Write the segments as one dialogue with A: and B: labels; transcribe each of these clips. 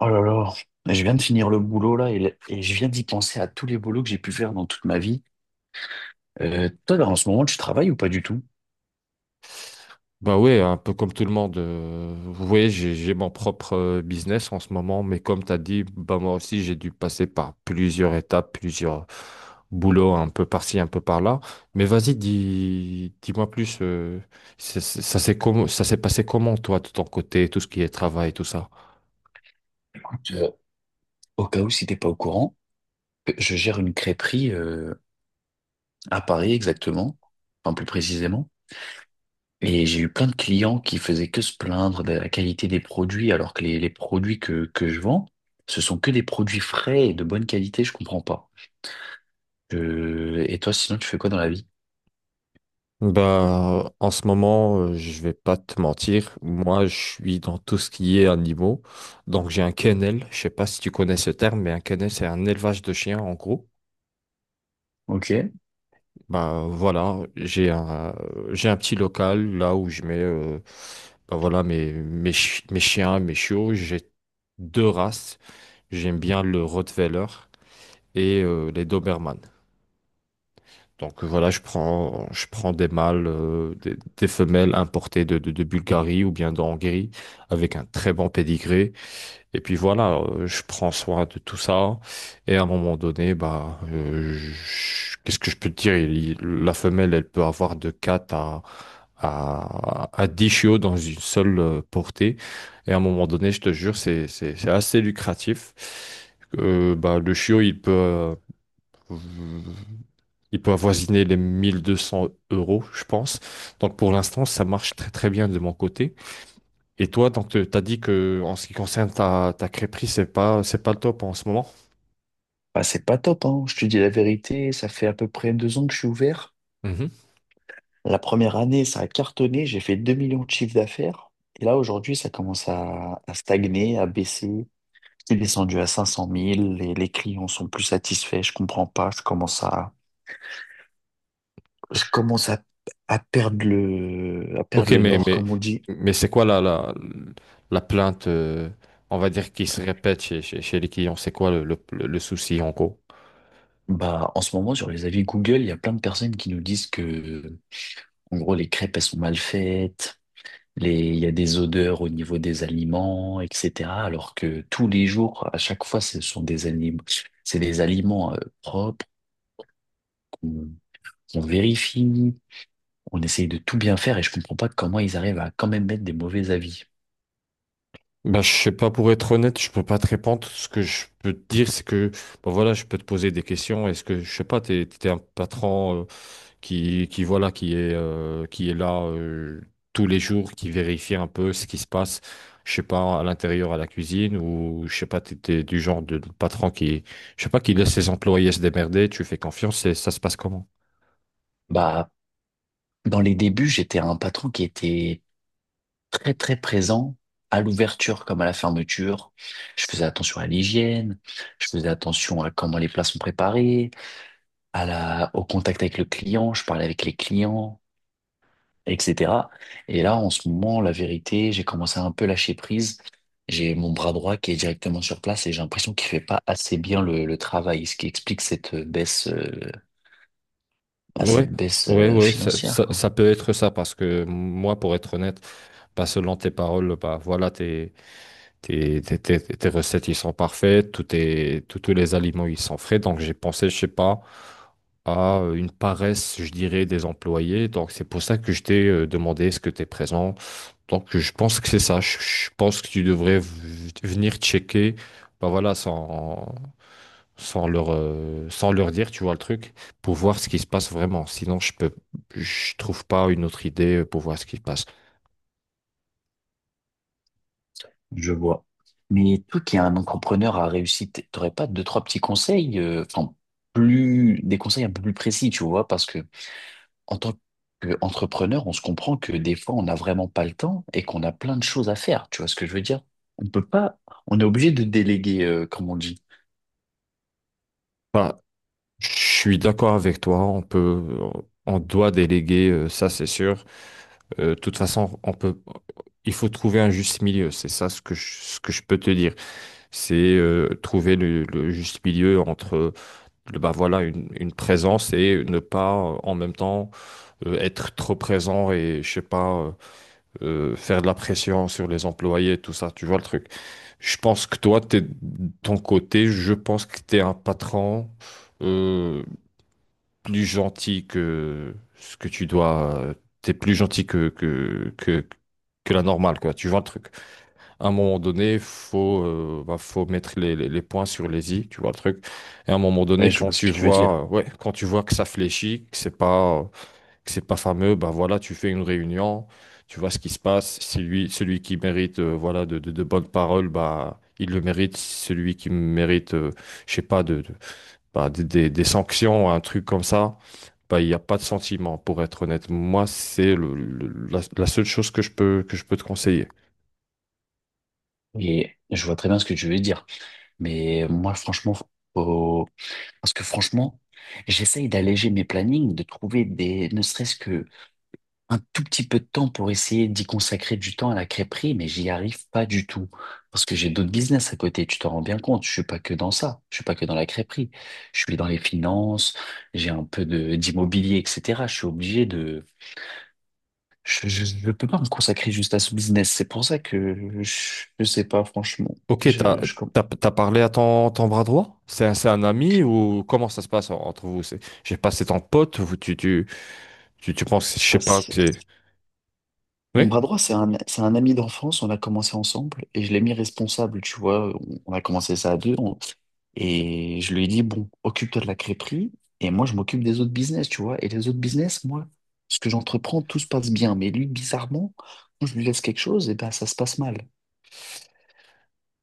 A: Oh là là, je viens de finir le boulot là et je viens d'y penser à tous les boulots que j'ai pu faire dans toute ma vie. Toi, là, en ce moment, tu travailles ou pas du tout?
B: Bah ouais, un peu comme tout le monde. Vous voyez, j'ai mon propre business en ce moment, mais comme tu as dit, bah moi aussi, j'ai dû passer par plusieurs étapes, plusieurs boulots, un peu par-ci, un peu par-là. Mais vas-y, dis-moi plus, ça s'est passé comment, toi, de ton côté, tout ce qui est travail, tout ça?
A: Écoute, au cas où si t'es pas au courant, je gère une crêperie à Paris exactement, enfin plus précisément. Et j'ai eu plein de clients qui faisaient que se plaindre de la qualité des produits, alors que les produits que je vends, ce sont que des produits frais et de bonne qualité, je comprends pas. Et toi, sinon, tu fais quoi dans la vie?
B: Bah, en ce moment, je vais pas te mentir, moi, je suis dans tout ce qui est animaux. Donc, j'ai un kennel, je sais pas si tu connais ce terme, mais un kennel, c'est un élevage de chiens, en gros.
A: Ok.
B: Bah voilà, j'ai un petit local là où je mets bah voilà mes chiens, mes chiots, j'ai deux races. J'aime bien le Rottweiler et les Doberman. Donc voilà, je prends des mâles des femelles importées de Bulgarie ou bien de Hongrie avec un très bon pédigré et puis voilà, je prends soin de tout ça. Et à un moment donné, bah, qu'est-ce que je peux te dire? La femelle, elle peut avoir de 4 à, à 10 chiots dans une seule portée. Et à un moment donné, je te jure, c'est assez lucratif. Bah, le chiot, il peut avoisiner les 1 200 euros, je pense. Donc pour l'instant, ça marche très très bien de mon côté. Et toi, donc, tu as dit que en ce qui concerne ta crêperie, c'est pas le top en ce moment.
A: Bah, c'est pas top, hein. Je te dis la vérité, ça fait à peu près 2 ans que je suis ouvert.
B: Mhm.
A: La première année, ça a cartonné, j'ai fait 2 millions de chiffre d'affaires. Et là, aujourd'hui, ça commence à stagner, à baisser. C'est descendu à 500 000, les clients sont plus satisfaits, je comprends pas, je commence à
B: Ok,
A: perdre le
B: mais,
A: nord,
B: mais,
A: comme on dit.
B: mais c'est quoi la plainte, on va dire, qui se répète chez les clients? C'est quoi le souci en gros?
A: Bah, en ce moment, sur les avis Google, il y a plein de personnes qui nous disent que, en gros, les crêpes, elles sont mal faites. Les, il y a des odeurs au niveau des aliments, etc. Alors que tous les jours, à chaque fois, ce sont des aliments, c'est des aliments propres qu'on qu'on vérifie, on essaye de tout bien faire et je comprends pas comment ils arrivent à quand même mettre des mauvais avis.
B: Ben, je sais pas, pour être honnête, je peux pas te répondre. Ce que je peux te dire, c'est que, ben voilà, je peux te poser des questions. Est-ce que, je sais pas, t'es un patron, qui voilà, qui est là tous les jours, qui vérifie un peu ce qui se passe, je sais pas, à l'intérieur, à la cuisine, ou je sais pas, t'es du genre de patron qui, je sais pas, qui laisse ses employés se démerder, tu fais confiance et ça se passe comment?
A: Bah, dans les débuts, j'étais un patron qui était très très présent à l'ouverture comme à la fermeture. Je faisais attention à l'hygiène, je faisais attention à comment les plats sont préparés, à la, au contact avec le client, je parlais avec les clients, etc. Et là, en ce moment, la vérité, j'ai commencé à un peu lâcher prise. J'ai mon bras droit qui est directement sur place et j'ai l'impression qu'il fait pas assez bien le travail, ce qui explique cette baisse, bah,
B: Ouais,
A: cette baisse
B: ouais, ouais, ça,
A: financière,
B: ça,
A: quoi.
B: ça peut être ça, parce que moi, pour être honnête, bah, selon tes paroles, bah voilà, t'es Tes, tes- tes- tes recettes, ils sont parfaites, tous tes- tous tous les aliments, ils sont frais. Donc, j'ai pensé, je sais pas, à une paresse, je dirais, des employés. Donc, c'est pour ça que je t'ai demandé est-ce que tu es présent. Donc, je pense que c'est ça. Je pense que tu devrais venir checker, bah voilà, sans leur dire, tu vois le truc, pour voir ce qui se passe vraiment. Sinon, je trouve pas une autre idée pour voir ce qui se passe.
A: Je vois. Mais toi qui es un entrepreneur à réussite, t'aurais pas deux, trois petits conseils, enfin, plus, des conseils un peu plus précis, tu vois, parce que en tant qu'entrepreneur, on se comprend que des fois, on n'a vraiment pas le temps et qu'on a plein de choses à faire. Tu vois ce que je veux dire? On peut pas, on est obligé de déléguer, comme on dit.
B: Enfin, je suis d'accord avec toi, on doit déléguer, ça c'est sûr. De toute façon, il faut trouver un juste milieu, c'est ça ce que je peux te dire. C'est trouver le juste milieu entre bah voilà, une présence et ne pas en même temps être trop présent et je sais pas faire de la pression sur les employés, tout ça, tu vois le truc. Je pense que toi, de ton côté, je pense que tu es un patron. Euh, plus gentil que ce que tu dois. T'es plus gentil que la normale, quoi. Tu vois le truc. À un moment donné, bah, faut mettre les points sur les i, tu vois le truc. Et à un moment
A: Ouais,
B: donné,
A: je
B: quand
A: vois ce
B: tu
A: que tu veux dire.
B: vois, euh, ouais, quand tu vois que ça fléchit, que c'est pas fameux, bah voilà, tu fais une réunion, tu vois ce qui se passe. C'est lui, celui qui mérite, voilà, de bonnes paroles, bah. Il le mérite. Si celui qui mérite, je sais pas, de bah, des sanctions, un truc comme ça, bah, il n'y a pas de sentiment, pour être honnête. Moi, c'est la seule chose que que je peux te conseiller.
A: Et je vois très bien ce que tu veux dire. Mais moi, franchement, faut- parce que franchement, j'essaye d'alléger mes plannings, de trouver des, ne serait-ce que un tout petit peu de temps pour essayer d'y consacrer du temps à la crêperie, mais j'y arrive pas du tout. Parce que j'ai d'autres business à côté, tu t'en rends bien compte. Je suis pas que dans ça. Je suis pas que dans la crêperie. Je suis dans les finances, j'ai un peu de, d'immobilier, etc. Je suis obligé de, je peux pas me consacrer juste à ce business. C'est pour ça que je sais pas, franchement.
B: Ok, t'as,
A: Je
B: t'as, t'as parlé à ton, ton bras droit? C'est un ami ou comment ça se passe entre vous? J'ai passé ton pote ou tu penses, je sais pas,
A: commence.
B: que c'est.
A: Mon
B: Oui?
A: bras droit, c'est un ami d'enfance, on a commencé ensemble et je l'ai mis responsable, tu vois, on a commencé ça à deux et je lui ai dit, bon, occupe-toi de la crêperie et moi je m'occupe des autres business, tu vois, et les autres business, moi, ce que j'entreprends, tout se passe bien, mais lui, bizarrement, quand je lui laisse quelque chose, et ben ça se passe mal.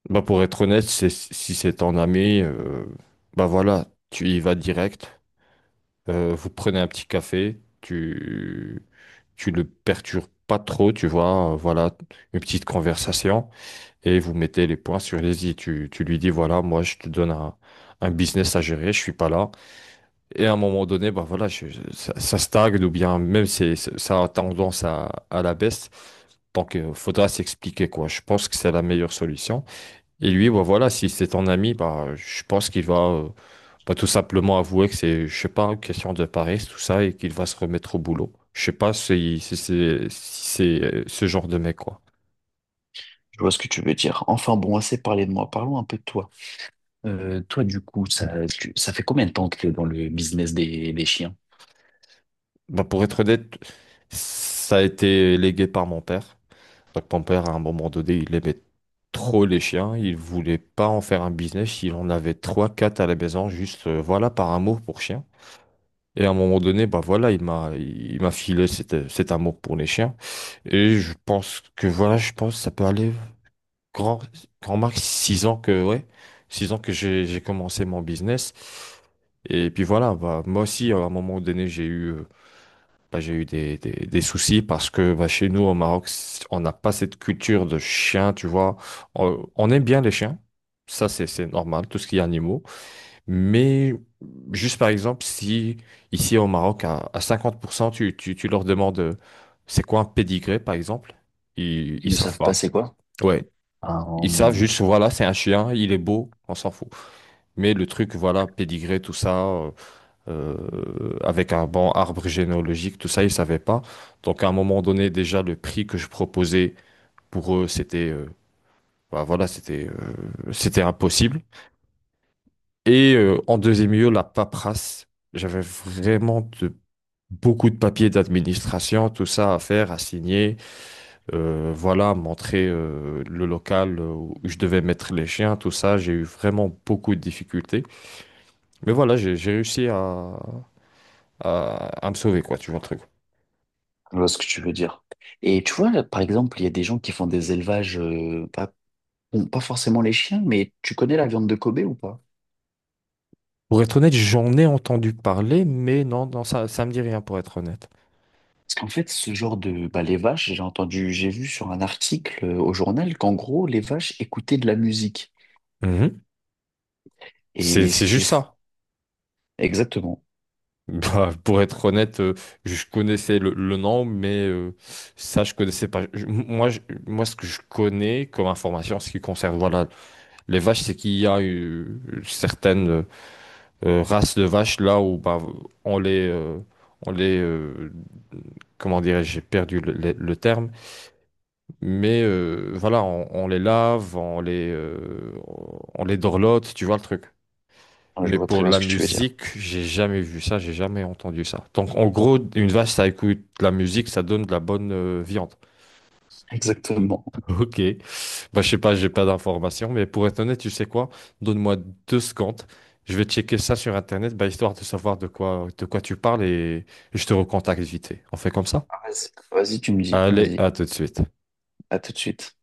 B: Bah, pour être honnête, si c'est ton ami, bah voilà, tu y vas direct. Vous prenez un petit café. Tu le perturbes pas trop, tu vois, voilà, une petite conversation et vous mettez les points sur les i. Tu lui dis, voilà, moi, je te donne un business à gérer, je suis pas là. Et à un moment donné, bah voilà, ça stagne ou bien même ça a tendance à la baisse. Donc, il faudra s'expliquer, quoi. Je pense que c'est la meilleure solution. Et lui, bah voilà, si c'est ton ami, bah, je pense qu'il va euh, bah, tout simplement avouer que c'est, je sais pas, une question de paresse, tout ça, et qu'il va se remettre au boulot. Je sais pas si c'est, ce genre de mec, quoi.
A: Je vois ce que tu veux dire. Enfin bon, assez parlé de moi, parlons un peu de toi. Toi, du coup, ça, ça fait combien de temps que tu es dans le business des chiens?
B: Bah, pour être honnête, ça a été légué par mon père. Donc, mon père, à un moment donné, il aimait trop les chiens. Il voulait pas en faire un business. Il en avait trois, quatre à la maison, juste, voilà, par amour pour chien. Et à un moment donné, bah voilà, il m'a filé cet amour pour les chiens. Et je pense que voilà, je pense que ça peut aller grand, grand max 6 ans que, ouais, 6 ans que j'ai commencé mon business. Et puis voilà, bah, moi aussi, à un moment donné, bah, j'ai eu des soucis parce que bah, chez nous, au Maroc, on n'a pas cette culture de chien, tu vois. On aime bien les chiens. Ça, c'est normal, tout ce qui est animaux. Mais juste par exemple, si ici au Maroc, à 50%, tu leur demandes c'est quoi un pédigré, par exemple, ils,
A: Ils
B: ils
A: ne
B: savent
A: savent pas
B: pas.
A: c'est quoi?
B: Ouais.
A: Ah,
B: Ils savent juste, voilà, c'est un chien, il est beau, on s'en fout. Mais le truc, voilà, pédigré, tout ça, avec un bon arbre généalogique, tout ça, ils savaient pas. Donc à un moment donné, déjà, le prix que je proposais pour eux, bah, voilà, c'était impossible. Et en deuxième lieu, la paperasse. J'avais vraiment beaucoup de papiers d'administration, tout ça à faire, à signer, voilà, montrer le local où je devais mettre les chiens, tout ça. J'ai eu vraiment beaucoup de difficultés. Mais voilà, j'ai réussi à, à me sauver, quoi, tu vois le truc.
A: je vois ce que tu veux dire. Et tu vois, là, par exemple, il y a des gens qui font des élevages, pas, bon, pas forcément les chiens, mais tu connais la viande de Kobe ou pas?
B: Pour être honnête, j'en ai entendu parler, mais non, non, ça me dit rien, pour être honnête.
A: Parce qu'en fait, ce genre de, bah, les vaches, j'ai entendu, j'ai vu sur un article au journal qu'en gros, les vaches écoutaient de la musique.
B: Mhm. C'est,
A: Et ce
B: c'est
A: qui est
B: juste
A: fou.
B: ça.
A: Exactement.
B: Bah, pour être honnête, je connaissais le nom, mais ça, je connaissais pas. Ce que je connais comme information, ce qui concerne voilà, les vaches, c'est qu'il y a certaines races de vaches là où bah, on les, euh, on les, euh, comment dirais-je, j'ai perdu le terme, mais voilà, on les lave, on les dorlote, tu vois le truc.
A: Ah, je
B: Mais
A: vois très
B: pour
A: bien
B: la
A: ce que tu veux dire.
B: musique, j'ai jamais vu ça, j'ai jamais entendu ça. Donc en gros, une vache, ça écoute de la musique, ça donne de la bonne viande.
A: Exactement.
B: Ok. Bah je sais pas, j'ai pas d'informations, mais pour être honnête, tu sais quoi? Donne-moi 2 secondes. Je vais checker ça sur internet, bah, histoire de savoir de quoi tu parles et je te recontacte vite fait. On fait comme ça?
A: Ah, vas-y, vas-y, tu me dis.
B: Allez,
A: Vas-y.
B: à tout de suite.
A: À tout de suite.